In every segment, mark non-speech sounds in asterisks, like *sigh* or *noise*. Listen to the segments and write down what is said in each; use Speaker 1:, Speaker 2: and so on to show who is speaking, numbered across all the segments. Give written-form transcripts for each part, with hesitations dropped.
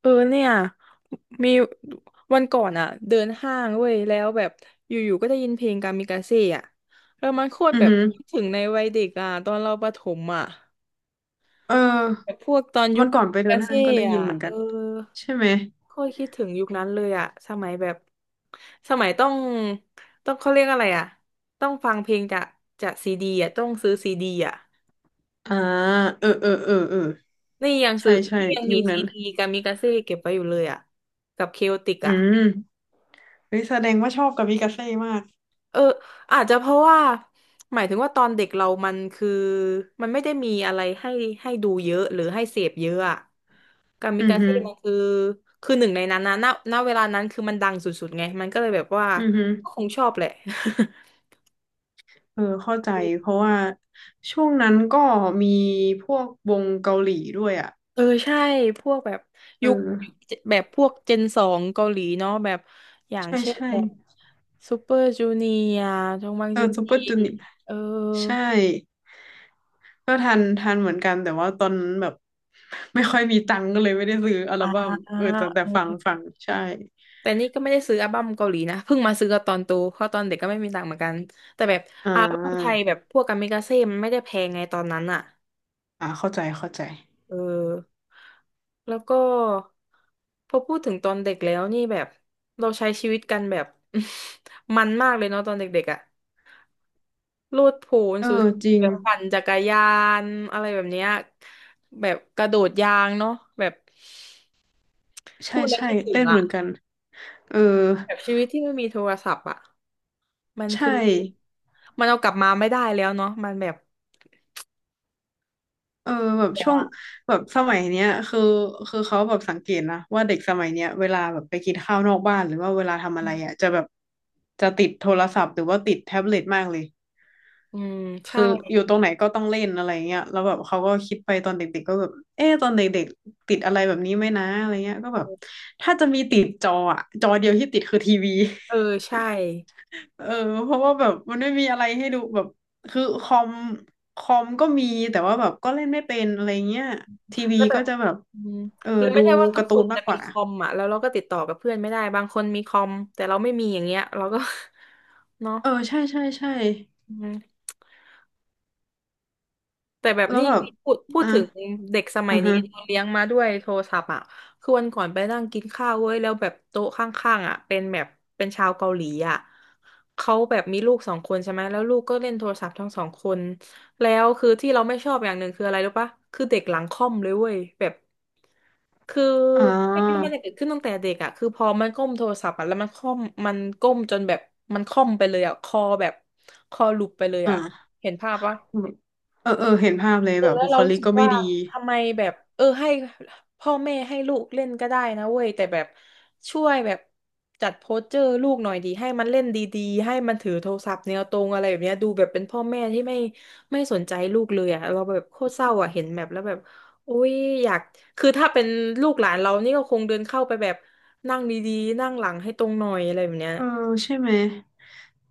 Speaker 1: เออเนี่ยมีวันก่อนอะเดินห้างเว้ยแล้วแบบอยู่ๆก็ได้ยินเพลงกามิกาเซ่อะแล้วมันโคตร
Speaker 2: อือ
Speaker 1: แบบ
Speaker 2: หือ
Speaker 1: คิดถึงในวัยเด็กอะตอนเราประถมอะ
Speaker 2: เออ
Speaker 1: แบบพวกตอนยุ
Speaker 2: วั
Speaker 1: ค
Speaker 2: นก่อ
Speaker 1: กา
Speaker 2: น
Speaker 1: มิ
Speaker 2: ไปเดิ
Speaker 1: กา
Speaker 2: นห้า
Speaker 1: เซ่
Speaker 2: งก็ได้ยิ
Speaker 1: อะ
Speaker 2: นเหมือน
Speaker 1: เอ
Speaker 2: กั
Speaker 1: อ
Speaker 2: นใช่ไหม
Speaker 1: โคตรคิดถึงยุคนั้นเลยอะสมัยแบบสมัยต้องเขาเรียกอะไรอะต้องฟังเพลงจากซีดีอะต้องซื้อซีดีอะ
Speaker 2: อ่าเออเออเออ เออ
Speaker 1: นี่ยังซื้
Speaker 2: ใช่
Speaker 1: อ
Speaker 2: ใช่
Speaker 1: นี่ยังมี
Speaker 2: ยุค
Speaker 1: ซี
Speaker 2: นั้น
Speaker 1: ดีกามิกาเซ่เก็บไว้อยู่เลยอะกับเคโอติก
Speaker 2: อื
Speaker 1: อะ
Speaker 2: มเฮ้ยแสดงว่าชอบกามิกาเซ่มาก
Speaker 1: เอออาจจะเพราะว่าหมายถึงว่าตอนเด็กเรามันคือมันไม่ได้มีอะไรให้ดูเยอะหรือให้เสพเยอะอะกามิ
Speaker 2: อือ
Speaker 1: กา
Speaker 2: ฮึ
Speaker 1: เซ่มัน
Speaker 2: อ
Speaker 1: คือหนึ่งในนั้นนะณณเวลานั้นคือมันดังสุดๆไงมันก็เลยแบบว่า
Speaker 2: ือฮึ
Speaker 1: ก็คงชอบแหละ
Speaker 2: เออเข้าใจเพราะ
Speaker 1: *laughs*
Speaker 2: ว่าช่วงนั้นก็มีพวกวงเกาหลีด้วยอ่ะ
Speaker 1: เออใช่พวกแบบ
Speaker 2: เอ
Speaker 1: ยุค
Speaker 2: อ
Speaker 1: แบบพวกเจนสองเกาหลีเนาะแบบอย่าง
Speaker 2: ใช่
Speaker 1: เช่น
Speaker 2: ใช่
Speaker 1: แบบซูเปอร์จูเนียร์จงบัง
Speaker 2: เออ
Speaker 1: จิง
Speaker 2: ซูเป
Speaker 1: กี
Speaker 2: อร์จูเนียร์
Speaker 1: เออ
Speaker 2: ใช่ก็ทันเหมือนกันแต่ว่าตอนนั้นแบบ *laughs* ไม่ค่อยมีตังค์ก็เลยไม่ได้ซื้ออัล
Speaker 1: อ่
Speaker 2: บั้มเออแต่ฟัง
Speaker 1: า
Speaker 2: ฟังใช่
Speaker 1: แต่นี่ก็ไม่ได้ซื้ออัลบั้มเกาหลีนะเพิ่งมาซื้อตอนโตเพราะตอนเด็กก็ไม่มีตังค์เหมือนกันแต่แบบ
Speaker 2: อ่
Speaker 1: อัลบั้มไทย
Speaker 2: า
Speaker 1: แบบพวกกามิกาเซ่มันไม่ได้แพงไงตอนนั้นอ่ะ
Speaker 2: อ่าเข้าใจเข้าใจ
Speaker 1: เออแล้วก็พอพูดถึงตอนเด็กแล้วนี่แบบเราใช้ชีวิตกันแบบ *laughs* มันมากเลยเนาะตอนเด็กๆอ่ะโลดโผน
Speaker 2: เออ
Speaker 1: สุด
Speaker 2: จริ
Speaker 1: แบ
Speaker 2: ง
Speaker 1: บปั่นจักรยานอะไรแบบเนี้ยแบบกระโดดยางเนาะแบบ
Speaker 2: ใช่
Speaker 1: พูดแล้ว
Speaker 2: ใช่
Speaker 1: คิดถึง
Speaker 2: เล่นเห
Speaker 1: อ่ะ
Speaker 2: มือนกันเออ
Speaker 1: แบบชีวิตที่ไม่มีโทรศัพท์อ่ะ มัน
Speaker 2: ใช่
Speaker 1: คือมันเอากลับมาไม่ได้แล้วเนาะมันแบบ
Speaker 2: เออแบบ
Speaker 1: แล้
Speaker 2: ช่
Speaker 1: ว
Speaker 2: วง
Speaker 1: อ่ะ
Speaker 2: แบบสมัยเนี้ยคือเขาแบบสังเกตนะว่าเด็กสมัยเนี้ยเวลาแบบไปกินข้าวนอกบ้านหรือว่าเวลาทำอะไรอ่ะจะแบบจะติดโทรศัพท์หรือว่าติดแท็บเล็ตมากเลย
Speaker 1: อืมใช่
Speaker 2: คืออยู่ตรงไหนก็ต้องเล่นอะไรเงี้ยแล้วแบบเขาก็คิดไปตอนเด็กๆก็แบบเอ๊ะตอนเด็กๆติดอะไรแบบนี้ไหมนะอะไรเงี้ยก็แบบถ้าจะมีติดจออ่ะจอเดียวที่ติดคือทีวี
Speaker 1: เออใช่
Speaker 2: เออเพราะว่าแบบมันไม่มีอะไรให้ดูแบบคือคอมก็มีแต่ว่าแบบก็เล่นไม่เป็นอะไรเงี้ยทีวี
Speaker 1: แล้วแบ
Speaker 2: ก็
Speaker 1: บ
Speaker 2: จะแบบ
Speaker 1: อืม
Speaker 2: เออ
Speaker 1: แล้วไม่
Speaker 2: ดู
Speaker 1: ใช่ว่าทุ
Speaker 2: กา
Speaker 1: ก
Speaker 2: ร์
Speaker 1: ค
Speaker 2: ตู
Speaker 1: น
Speaker 2: นมา
Speaker 1: จะ
Speaker 2: กก
Speaker 1: มี
Speaker 2: ว่า
Speaker 1: คอมอ่ะแล้วเราก็ติดต่อกับเพื่อนไม่ได้บางคนมีคอมแต่เราไม่มีอย่างเงี้ยเราก็ *laughs* เนาะ
Speaker 2: เออใช่ใช่ใช่
Speaker 1: อืม แต่แบบ
Speaker 2: แล้ว
Speaker 1: นี่
Speaker 2: แบบ
Speaker 1: พูด
Speaker 2: อ่ะ
Speaker 1: ถึงเด็กสมั
Speaker 2: อ่า
Speaker 1: ยนี้
Speaker 2: ฮะ
Speaker 1: เราเลี้ยงมาด้วยโทรศัพท์อ่ะคือวันก่อนไปนั่งกินข้าวเว้ยแล้วแบบโต๊ะข้างๆอ่ะเป็นแบบเป็นชาวเกาหลีอ่ะเขาแบบมีลูกสองคนใช่ไหมแล้วลูกก็เล่นโทรศัพท์ทั้งสองคนแล้วคือที่เราไม่ชอบอย่างหนึ่งคืออะไรรู้ปะคือเด็กหลังค่อมเลยเว้ยแบบคือ
Speaker 2: อ่
Speaker 1: ไม่คิดว่า
Speaker 2: า
Speaker 1: มันจะเกิดขึ้นตั้งแต่เด็กอ่ะคือพอมันก้มโทรศัพท์อ่ะแล้วมันค่อมมันก้มจนแบบมันค่อมไปเลยอ่ะคอแบบคอหลุบไปเลยอ่ะ
Speaker 2: อ่า
Speaker 1: เห็นภาพปะ
Speaker 2: เออเออเห็นภาพเลย
Speaker 1: เออ
Speaker 2: แบบ
Speaker 1: แล้ว
Speaker 2: บุค
Speaker 1: เรารู้
Speaker 2: ลิก
Speaker 1: สึก
Speaker 2: ก็ไม่
Speaker 1: ว่า
Speaker 2: ดี
Speaker 1: ทำไมแบบเออให้พ่อแม่ให้ลูกเล่นก็ได้นะเว้ยแต่แบบช่วยแบบจัดโพสเจอร์ลูกหน่อยดีให้มันเล่นดีๆให้มันถือโทรศัพท์แนวตรงอะไรแบบเนี้ยดูแบบเป็นพ่อแม่ที่ไม่สนใจลูกเลยอ่ะเราแบบโคตรเศร้าอ่ะเห็นแบบแล้วแบบโอ้ยอยากคือถ้าเป็นลูกหลานเรานี่ก็คงเดินเข้าไปแบบนั่งดีๆนั่งหลังให้ตรงหน่อยอะไรแบบเนี้ย
Speaker 2: เออใช่ไหม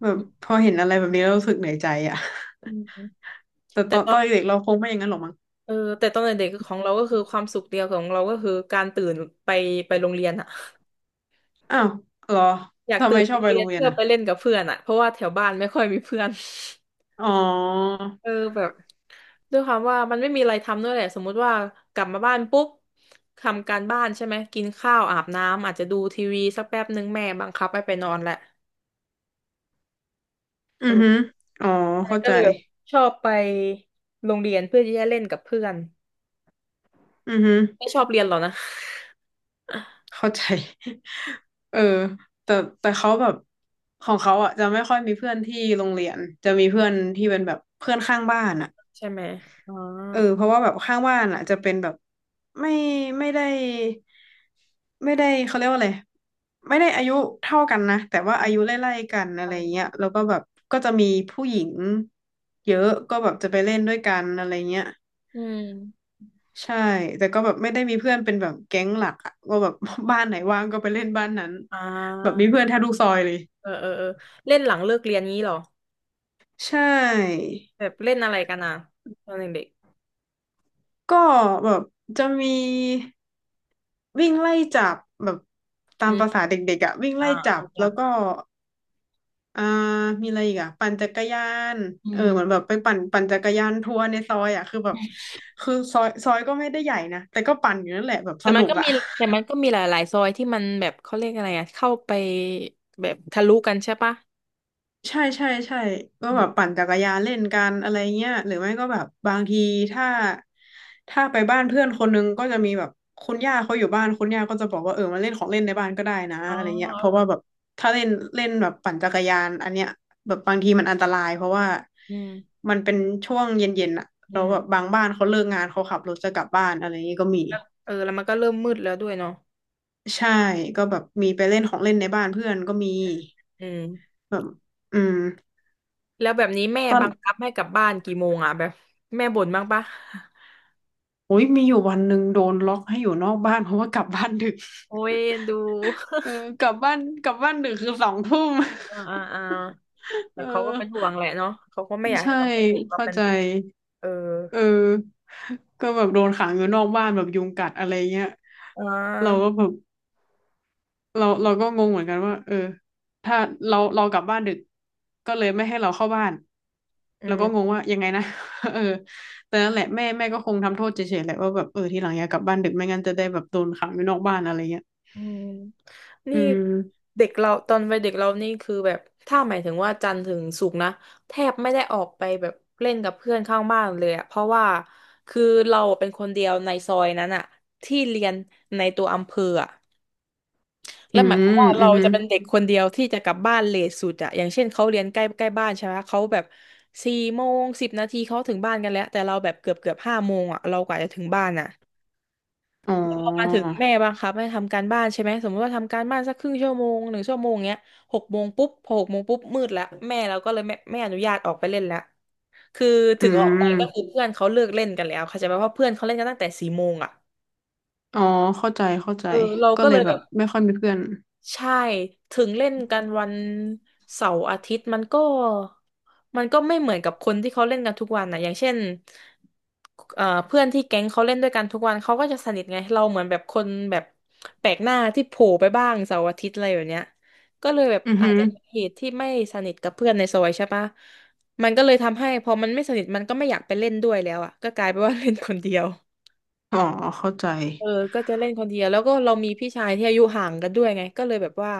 Speaker 2: แบบพอเห็นอะไรแบบนี้แล้วรู้สึกเหนื่อยใจอ่ะ
Speaker 1: อืม
Speaker 2: *laughs* แต่ต
Speaker 1: แต่
Speaker 2: อน
Speaker 1: ตอ
Speaker 2: ต
Speaker 1: น
Speaker 2: อนเด็กๆเราคงไม่อย่างนั้นหรอกมั้ง
Speaker 1: เออแต่ตอนเด็กๆของเราก็คือความสุขเดียวของเราก็คือการตื่นไปไปโรงเรียนอะ
Speaker 2: อ้าวเหรอ
Speaker 1: อยาก
Speaker 2: ทำไม
Speaker 1: ตื่น
Speaker 2: ช
Speaker 1: ไป
Speaker 2: อบ
Speaker 1: โรง
Speaker 2: ไป
Speaker 1: เรี
Speaker 2: โร
Speaker 1: ยน
Speaker 2: งเรียน
Speaker 1: เพื่อ
Speaker 2: อ่ะ
Speaker 1: ไปเล่นกับเพื่อนอะเพราะว่าแถวบ้านไม่ค่อยมีเพื่อน
Speaker 2: อ๋อ
Speaker 1: *laughs* เออแบบด้วยความว่ามันไม่มีอะไรทำด้วยแหละสมมุติว่ากลับมาบ้านปุ๊บทำการบ้านใช่ไหมกินข้าวอาบน้ำอาจจะดูทีวีสักแป๊บหนึ่งแม่บังคับให้ไปนอนแหละเอ
Speaker 2: อือฮึ
Speaker 1: อ
Speaker 2: อ๋อ
Speaker 1: แต่
Speaker 2: เข้า
Speaker 1: ก็
Speaker 2: ใจ
Speaker 1: เลยแบบชอบไปโรงเรียนเพื่อที่จะเล่นกับเพื่อน
Speaker 2: อือฮึ
Speaker 1: ไม่ชอบเรียนหรอนะ
Speaker 2: เข้าใจ *laughs* เออแต่แต่เขาแบบของเขาอ่ะจะไม่ค่อยมีเพื่อนที่โรงเรียนจะมีเพื่อนที่เป็นแบบเพื่อนข้างบ้านอ่ะ
Speaker 1: *laughs* ใช่ไหมอ๋อ
Speaker 2: เออเพราะว่าแบบข้างบ้านอ่ะจะเป็นแบบไม่ไม่ได้ไม่ได้เขาเรียกว่าอะไรไม่ได้อายุเท่ากันนะแต่ว่า
Speaker 1: อื
Speaker 2: อายุ
Speaker 1: ม
Speaker 2: ไล่ๆกันอะไรเงี้ยแล้วก็แบบก็จะมีผู้หญิงเยอะก็แบบจะไปเล่นด้วยกันอะไรเงี้ย
Speaker 1: อืม
Speaker 2: ใช่แต่ก็แบบไม่ได้มีเพื่อนเป็นแบบแก๊งหลักอะว่าแบบ *laughs* บ้านไหนว่างก็ไปเล่นบ้านนั้น
Speaker 1: อ่
Speaker 2: แบบ
Speaker 1: า
Speaker 2: มีเพื่อนแทบทุกซอยเลย
Speaker 1: เออเออเออเล่นหลังเลิกเรียนงี้เหรอ
Speaker 2: ใช่
Speaker 1: แบบเล่นอะไรกันอ่ะตอนเด็ก
Speaker 2: ก็แบบจะมีวิ่งไล่จับแบบ
Speaker 1: ๆอื
Speaker 2: ตาม
Speaker 1: ม
Speaker 2: ประสาเด็กๆอ่ะวิ่ง
Speaker 1: อ่า
Speaker 2: ไล่
Speaker 1: อ่า
Speaker 2: จับ
Speaker 1: ครั
Speaker 2: แล้
Speaker 1: บ
Speaker 2: วก็อ่ามีอะไรอีกอ่ะปั่นจักรยาน
Speaker 1: อื
Speaker 2: เออเหมือนแบ
Speaker 1: ม
Speaker 2: บไปปั่นจักรยานทัวร์ในซอยอะคือแบบคือซอยก็ไม่ได้ใหญ่นะแต่ก็ปั่นอยู่นั่นแหละแบบส
Speaker 1: แต่มัน
Speaker 2: นุก
Speaker 1: ก็
Speaker 2: อะ
Speaker 1: มีแต่มันก็มีหลายๆซอยที่มันแบบเขาเรียกอะไรอ่ะเข้าไปแบบทะลุกันใช่ปะ
Speaker 2: ใช่ใช่ใช่ก็
Speaker 1: อื
Speaker 2: แบบ
Speaker 1: ม
Speaker 2: ปั่นจักรยานเล่นกันอะไรเงี้ยหรือไม่ก็แบบบางทีถ้าถ้าไปบ้านเพื่อนคนนึงก็จะมีแบบคุณย่าเขาอยู่บ้านคุณย่าก็จะบอกว่าเออมาเล่นของเล่นในบ้านก็ได้นะ
Speaker 1: อ๋อ
Speaker 2: อะไรเงี้ยเพราะว่าแบบถ้าเล่นเล่นแบบปั่นจักรยานอันเนี้ยแบบบางทีมันอันตรายเพราะว่า
Speaker 1: อืม
Speaker 2: มันเป็นช่วงเย็นๆอะ
Speaker 1: อื
Speaker 2: เราแล้วแบบ
Speaker 1: ม
Speaker 2: บางบ้านเขาเลิกงานเขาขับรถจะกลับบ้านอะไรเงี้ยก็มี
Speaker 1: แล้วเออแล้วมันก็เริ่มมืดแล้วด้วยเนาะ
Speaker 2: ใช่ก็แบบมีไปเล่นของเล่นในบ้านเพื่อนก็มี
Speaker 1: อืม
Speaker 2: แบบอืม
Speaker 1: แล้วแบบนี้แม่
Speaker 2: ตอน
Speaker 1: บังคับให้กลับบ้านกี่โมงอ่ะแบบแม่บ่นบ้างปะ *laughs*
Speaker 2: โอ้ยมีอยู่วันหนึ่งโดนล็อกให้อยู่นอกบ้านเพราะว่ากลับบ้านดึก
Speaker 1: โอ้ยเอ็นดู
Speaker 2: *laughs* เออกลับบ้านดึกคือ2 ทุ่ม
Speaker 1: *laughs* อ่าอ่าอ่า
Speaker 2: *laughs*
Speaker 1: แต่
Speaker 2: เออ
Speaker 1: เขาก็เป็นห่วงแหละเนาะเขาก็ไม่อยากให้
Speaker 2: ใช่
Speaker 1: กลับไปถูกกับ
Speaker 2: เข้า
Speaker 1: เป็น
Speaker 2: ใจ
Speaker 1: เด็ก เออ
Speaker 2: เออก็แบบโดนขังอยู่นอกบ้านแบบยุงกัดอะไรเงี้ย
Speaker 1: อ่
Speaker 2: เราก็
Speaker 1: า
Speaker 2: แบบ เราก็งงเหมือนกันว่าเออถ้าเรากลับบ้านดึกก็เลยไม่ให้เราเข้าบ้าน
Speaker 1: อื
Speaker 2: เราก็งง
Speaker 1: ม
Speaker 2: ว่ายังไงนะ *laughs* เออแต่นั่นแหละแม่ก็คงทำโทษเฉยๆแหละว่าแบบเออทีหลังอย่ากลับบ้านดึกไม่งั้นจะได้แบบโดนขังอยู่นอกบ้านอะไรเงี้ย
Speaker 1: อืม
Speaker 2: อื
Speaker 1: นี่
Speaker 2: ม
Speaker 1: เด็กเราตอนวัยเด็กเรานี่คือแบบถ้าหมายถึงว่าจันทร์ถึงศุกร์นะแทบไม่ได้ออกไปแบบเล่นกับเพื่อนข้างบ้านเลยอะเพราะว่าคือเราเป็นคนเดียวในซอยนั้นอะที่เรียนในตัวอำเภออะ
Speaker 2: อื
Speaker 1: และหมายความ
Speaker 2: ม
Speaker 1: ว่า
Speaker 2: อื
Speaker 1: เรา
Speaker 2: มอหื
Speaker 1: จะ
Speaker 2: อ
Speaker 1: เป็นเด็กคนเดียวที่จะกลับบ้านเลทสุดอะอย่างเช่นเขาเรียนใกล้ใกล้บ้านใช่ไหมเขาแบบสี่โมงสิบนาทีเขาถึงบ้านกันแล้วแต่เราแบบเกือบห้าโมงอะเรากว่าจะถึงบ้านอะ
Speaker 2: อ๋อ
Speaker 1: แล้วพอมาถึงแม่บังคับให้ทำการบ้านใช่ไหมสมมติว่าทำการบ้านสักครึ่งชั่วโมงหนึ่งชั่วโมงเงี้ยหกโมงปุ๊บพอหกโมงปุ๊บมืดแล้วแม่เราก็เลยไม่อนุญาตออกไปเล่นแล้วคือ
Speaker 2: อื
Speaker 1: ถึงออกไป
Speaker 2: ม
Speaker 1: ก็คือเพื่อนเขาเลิกเล่นกันแล้วเข้าใจไหมเพราะเพื่อนเขาเล่นกันตั้งแต่สี่โมงอ่ะ
Speaker 2: อ๋อเข้าใจเข้าใจ
Speaker 1: เออเรา
Speaker 2: ก็
Speaker 1: ก็
Speaker 2: เล
Speaker 1: เล
Speaker 2: ย
Speaker 1: ย
Speaker 2: แบ
Speaker 1: แบ
Speaker 2: บ
Speaker 1: บ
Speaker 2: ไม่ค่อยมีเพื่อน
Speaker 1: ใช่ถึงเล่นกันวันเสาร์อาทิตย์มันก็มันก็ไม่เหมือนกับคนที่เขาเล่นกันทุกวันนะอย่างเช่นเพื่อนที่แก๊งเขาเล่นด้วยกันทุกวันเขาก็จะสนิทไงเราเหมือนแบบคนแบบแปลกหน้าที่โผล่ไปบ้างเสาร์อาทิตย์อะไรแบบเนี้ยก็เลยแบบ
Speaker 2: อือ
Speaker 1: อา
Speaker 2: หื
Speaker 1: จ
Speaker 2: อ
Speaker 1: จะเป็นเหตุที่ไม่สนิทกับเพื่อนในซอยใช่ปะมันก็เลยทำให้พอมันไม่สนิทมันก็ไม่อยากไปเล่นด้วยแล้วอ่ะก็กลายเป็นว่าเล่นคนเดียว
Speaker 2: อ๋อเข้าใจ
Speaker 1: เออก็จะเล่นคนเดียวแล้วก็เรามีพี่ชายที่อายุห่างกันด้วยไงก็เลยแบบว่า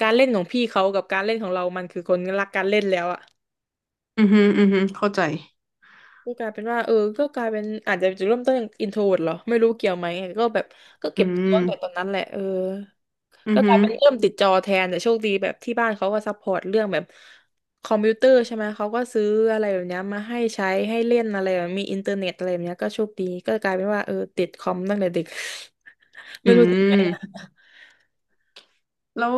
Speaker 1: การเล่นของพี่เขากับการเล่นของเรา มันคือคนรักการเล่นแล้วอะ
Speaker 2: อือหืออือหือเข้าใจ
Speaker 1: ก็กลายเป็นว่าเออก็กลายเป็นอาจจะจุดเริ่มต้นอินโทรดเหรอไม่รู้เกี่ยวไหมก็แบบก็
Speaker 2: อื
Speaker 1: เก็บตัวตั้งแต่ตอ
Speaker 2: ม
Speaker 1: นนั้นแหละเออ
Speaker 2: อื
Speaker 1: ก็
Speaker 2: อ
Speaker 1: ก
Speaker 2: หื
Speaker 1: ลาย
Speaker 2: อ
Speaker 1: เป็นเริ่มติดจอแทนแต่โชคดีแบบที่บ้านเขาก็ซัพพอร์ตเรื่องแบบคอมพิวเตอร์ใช่ไหมเขาก็ซื้ออะไรแบบเนี้ยมาให้ใช้ให้เล่นอะไรแบบมีอินเทอร์เน็ตอะไรแบบเนี้ยก็โชคดีก็กลายเป็นว่าเออติดคอมตั้งแต่เด็ก *laughs*
Speaker 2: อื
Speaker 1: ไม่รู้ติดไหม
Speaker 2: ม แล้ว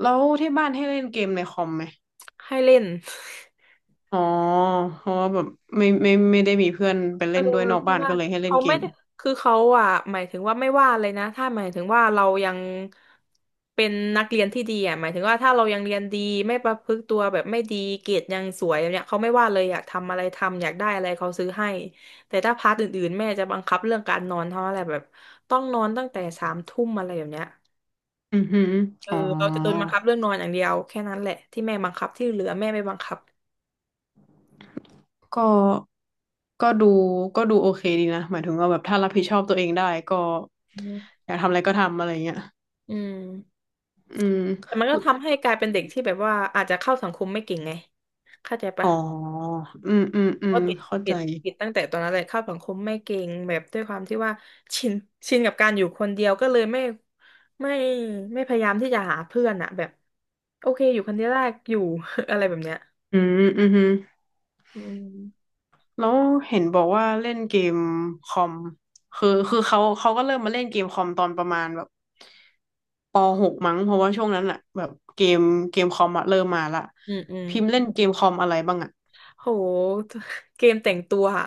Speaker 2: แล้วที่บ้านให้เล่นเกมในคอมไหม
Speaker 1: ให้เล่น *laughs*
Speaker 2: อ๋อเพราะว่าแบบไม่ไม่ไม่ได้มีเพื่อนไป
Speaker 1: เอ
Speaker 2: เล่
Speaker 1: อ
Speaker 2: นด้วยนอก
Speaker 1: พี่
Speaker 2: บ้าน
Speaker 1: ว่า
Speaker 2: ก็เลยให้เล่น
Speaker 1: เขา
Speaker 2: เก
Speaker 1: ไม่
Speaker 2: ม
Speaker 1: ได้คือเขาอ่ะหมายถึงว่าไม่ว่าเลยนะถ้าหมายถึงว่าเรายังเป็นนักเรียนที่ดีอ่ะหมายถึงว่าถ้าเรายังเรียนดีไม่ประพฤติตัวแบบไม่ดีเกรดยังสวยแบบเนี้ยเขาไม่ว่าเลยอยากทำอะไรทำอยากได้อะไรเขาซื้อให้แต่ถ้าพาร์ทอื่นๆแม่จะบังคับเรื่องการนอนเท่าอะไรแบบต้องนอนตั้งแต่สามทุ่มอะไรแบบเนี้ย
Speaker 2: อือหือ
Speaker 1: เออ
Speaker 2: อ๋อ
Speaker 1: เราจะโดนบังคับเรื่องนอนอย่างเดียวแค่นั้นแหละที่แม่บังคับที่เหลือแม่ไม่บังคับ
Speaker 2: ก็ก็ดูก็ดูโอเคดีนะหมายถึงว่าแบบถ้ารับผิดชอบตัวเองได้ก็
Speaker 1: อืม
Speaker 2: อยากทำอะไรก็ทำอะไรเงี้ย
Speaker 1: อืม
Speaker 2: อืม
Speaker 1: แต่มันก็ทำให้กลายเป็นเด็กที่แบบว่าอาจจะเข้าสังคมไม่เก่งไงเข้าใจ
Speaker 2: อ๋
Speaker 1: ปะ
Speaker 2: ออืมอืม
Speaker 1: แล้
Speaker 2: อื
Speaker 1: วก็
Speaker 2: มเข้า
Speaker 1: ติ
Speaker 2: ใจ
Speaker 1: ดติดตั้งแต่ตอนนั้นเลยเข้าสังคมไม่เก่งแบบด้วยความที่ว่าชินชินกับการอยู่คนเดียวก็เลยไม่ไม่พยายามที่จะหาเพื่อนอะแบบโอเคอยู่คนเดียวได้อยู่ *laughs* อะไรแบบเนี้ย
Speaker 2: อืมอืมฮึ
Speaker 1: อืม
Speaker 2: แล้วเห็นบอกว่าเล่นเกมคอมคือคือเขาก็เริ่มมาเล่นเกมคอมตอนประมาณแบบ ป.6มั้งเพราะว่าช่วงนั้นอะแบบเกมเกมคอมอะเริ่มมาละ
Speaker 1: อืมอืม
Speaker 2: พิมพ์เล่นเกมคอมอะไรบ้างอะ
Speaker 1: โหเกมแต่งตัวอะ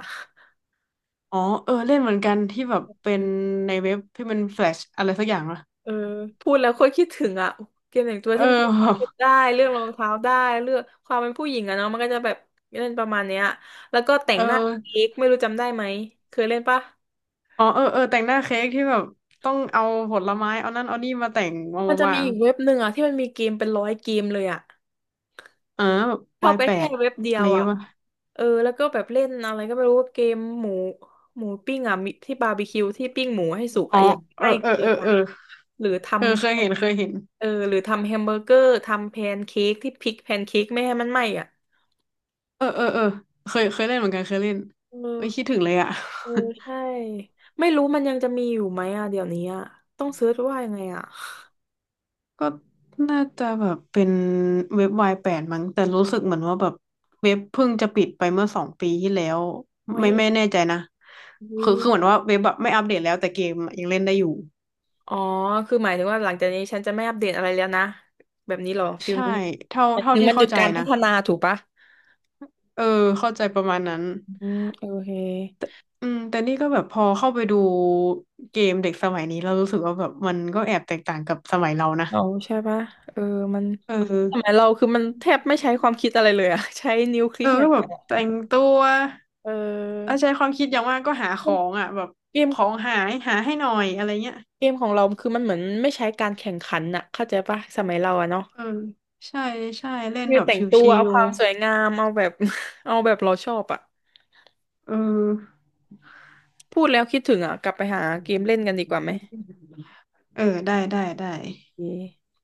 Speaker 2: อ๋อเออเล่นเหมือนกันที่แบบเป็นในเว็บที่มันแฟลชอะไรสักอย่างอะ
Speaker 1: เออพูดแล้วโคตรคิดถึงอ่ะเกมแต่งตัว
Speaker 2: เออ
Speaker 1: ที่มันจะ
Speaker 2: แบบ
Speaker 1: คิดได้เรื่องรองเท้าได้เรื่องความเป็นผู้หญิงอะเนาะมันก็จะแบบเล่นประมาณเนี้ยแล้วก็แต่ง
Speaker 2: เอ
Speaker 1: หน้า
Speaker 2: อ
Speaker 1: เค้กไม่รู้จำได้ไหมเคยเล่นปะ
Speaker 2: อ๋อเออเออแต่งหน้าเค้กที่แบบต้องเอาผลไม้เอานั่นเอานี่มาแต่งมา
Speaker 1: มัน
Speaker 2: มา
Speaker 1: จะ
Speaker 2: วา
Speaker 1: มี
Speaker 2: ง
Speaker 1: อีกเว็บหนึ่งอ่ะที่มันมีเกมเป็นร้อยเกมเลยอ่ะ
Speaker 2: เออแบบ
Speaker 1: เข้า
Speaker 2: วาย
Speaker 1: ไป
Speaker 2: แป
Speaker 1: แค่
Speaker 2: ด
Speaker 1: เว็บเดี
Speaker 2: อะ
Speaker 1: ย
Speaker 2: ไร
Speaker 1: ว
Speaker 2: เงี้
Speaker 1: อ่ะ
Speaker 2: ยป่ะ
Speaker 1: เออแล้วก็แบบเล่นอะไรก็ไม่รู้เกมหมูหมูปิ้งอ่ะมีที่บาร์บีคิวที่ปิ้งหมูให้สุก
Speaker 2: อ๋อ
Speaker 1: อ่ะอยาก
Speaker 2: เออ
Speaker 1: ให้
Speaker 2: เออ
Speaker 1: เกิ
Speaker 2: เอ
Speaker 1: น
Speaker 2: อเอ
Speaker 1: อ่ะ
Speaker 2: อ
Speaker 1: หรือทำ
Speaker 2: เออเคยเห็นเคยเห็น
Speaker 1: เออหรือทำแฮมเบอร์เกอร์ทำแพนเค้กที่พลิกแพนเค้กไม่ให้มันไหม้อ่ะ
Speaker 2: เออเออเออเคยเล่นเหมือนกันเคยเล่น
Speaker 1: เออ
Speaker 2: เอ้ยคิดถึงเลยอะ
Speaker 1: เออ
Speaker 2: *laughs*
Speaker 1: ใช่ไม่รู้มันยังจะมีอยู่ไหมอ่ะเดี๋ยวนี้อ่ะต้องเซิร์ชว่ายังไงอ่ะ
Speaker 2: ก็น่าจะแบบเป็นเว็บวายแปดมั้งแต่รู้สึกเหมือนว่าแบบเว็บเพิ่งจะปิดไปเมื่อ2 ปีที่แล้ว
Speaker 1: ไว้
Speaker 2: ไม่
Speaker 1: ย
Speaker 2: ไม่แน่ใจนะ
Speaker 1: วิ
Speaker 2: คือเหมือนว่าเว็บแบบไม่อัปเดตแล้วแต่เกมอยังเล่นได้อยู่
Speaker 1: อ๋อคือหมายถึงว่าหลังจากนี้ฉันจะไม่อัปเดตอะไรแล้วนะแบบนี้เหรอฟิล
Speaker 2: ใช่
Speaker 1: นี้
Speaker 2: เท่า
Speaker 1: หมาย
Speaker 2: เท่า
Speaker 1: ถึง
Speaker 2: ที่
Speaker 1: มันห
Speaker 2: เข้า
Speaker 1: ยุด
Speaker 2: ใจ
Speaker 1: การพั
Speaker 2: นะ
Speaker 1: ฒนาถูกปะ
Speaker 2: เออเข้าใจประมาณนั้น
Speaker 1: อืมโอเค
Speaker 2: อืมแต่นี่ก็แบบพอเข้าไปดูเกมเด็กสมัยนี้เรารู้สึกว่าแบบมันก็แอบแตกต่างกับสมัยเรานะ
Speaker 1: อ๋อใช่ปะเออมัน
Speaker 2: เอ
Speaker 1: สมั
Speaker 2: อ
Speaker 1: ยเราคือมันแทบไม่ใช้ความคิดอะไรเลยอ่ะ *laughs* ใช้นิ้วคลิ
Speaker 2: เอ
Speaker 1: ก
Speaker 2: อ
Speaker 1: อย่า
Speaker 2: ก็
Speaker 1: ง
Speaker 2: แบ
Speaker 1: เดีย
Speaker 2: บ
Speaker 1: วอะ
Speaker 2: แต่งตัว
Speaker 1: เ
Speaker 2: เอา
Speaker 1: ออ
Speaker 2: ใช้ความคิดอย่างมากก็หาข
Speaker 1: มั
Speaker 2: อ
Speaker 1: น
Speaker 2: งอ่ะแบบ
Speaker 1: เกม
Speaker 2: ของหายหาให้หน่อยอะไรเงี้ย
Speaker 1: เกมของเราคือมันเหมือนไม่ใช้การแข่งขันอ่ะเข้าใจปะสมัยเราอะเนาะ
Speaker 2: เออใช่ใช่เล่น
Speaker 1: คือ
Speaker 2: แบบ
Speaker 1: แต่
Speaker 2: ช
Speaker 1: งตัว
Speaker 2: ิ
Speaker 1: เอาค
Speaker 2: ว
Speaker 1: วามสวยงามเอาแบบ *laughs* เอาแบบเราชอบอ่ะ
Speaker 2: ๆเออ
Speaker 1: พูดแล้วคิดถึงอ่ะกลับไปหาเกมเล่นกันดีกว่าไหม
Speaker 2: เออได้ได้ได้
Speaker 1: โอเค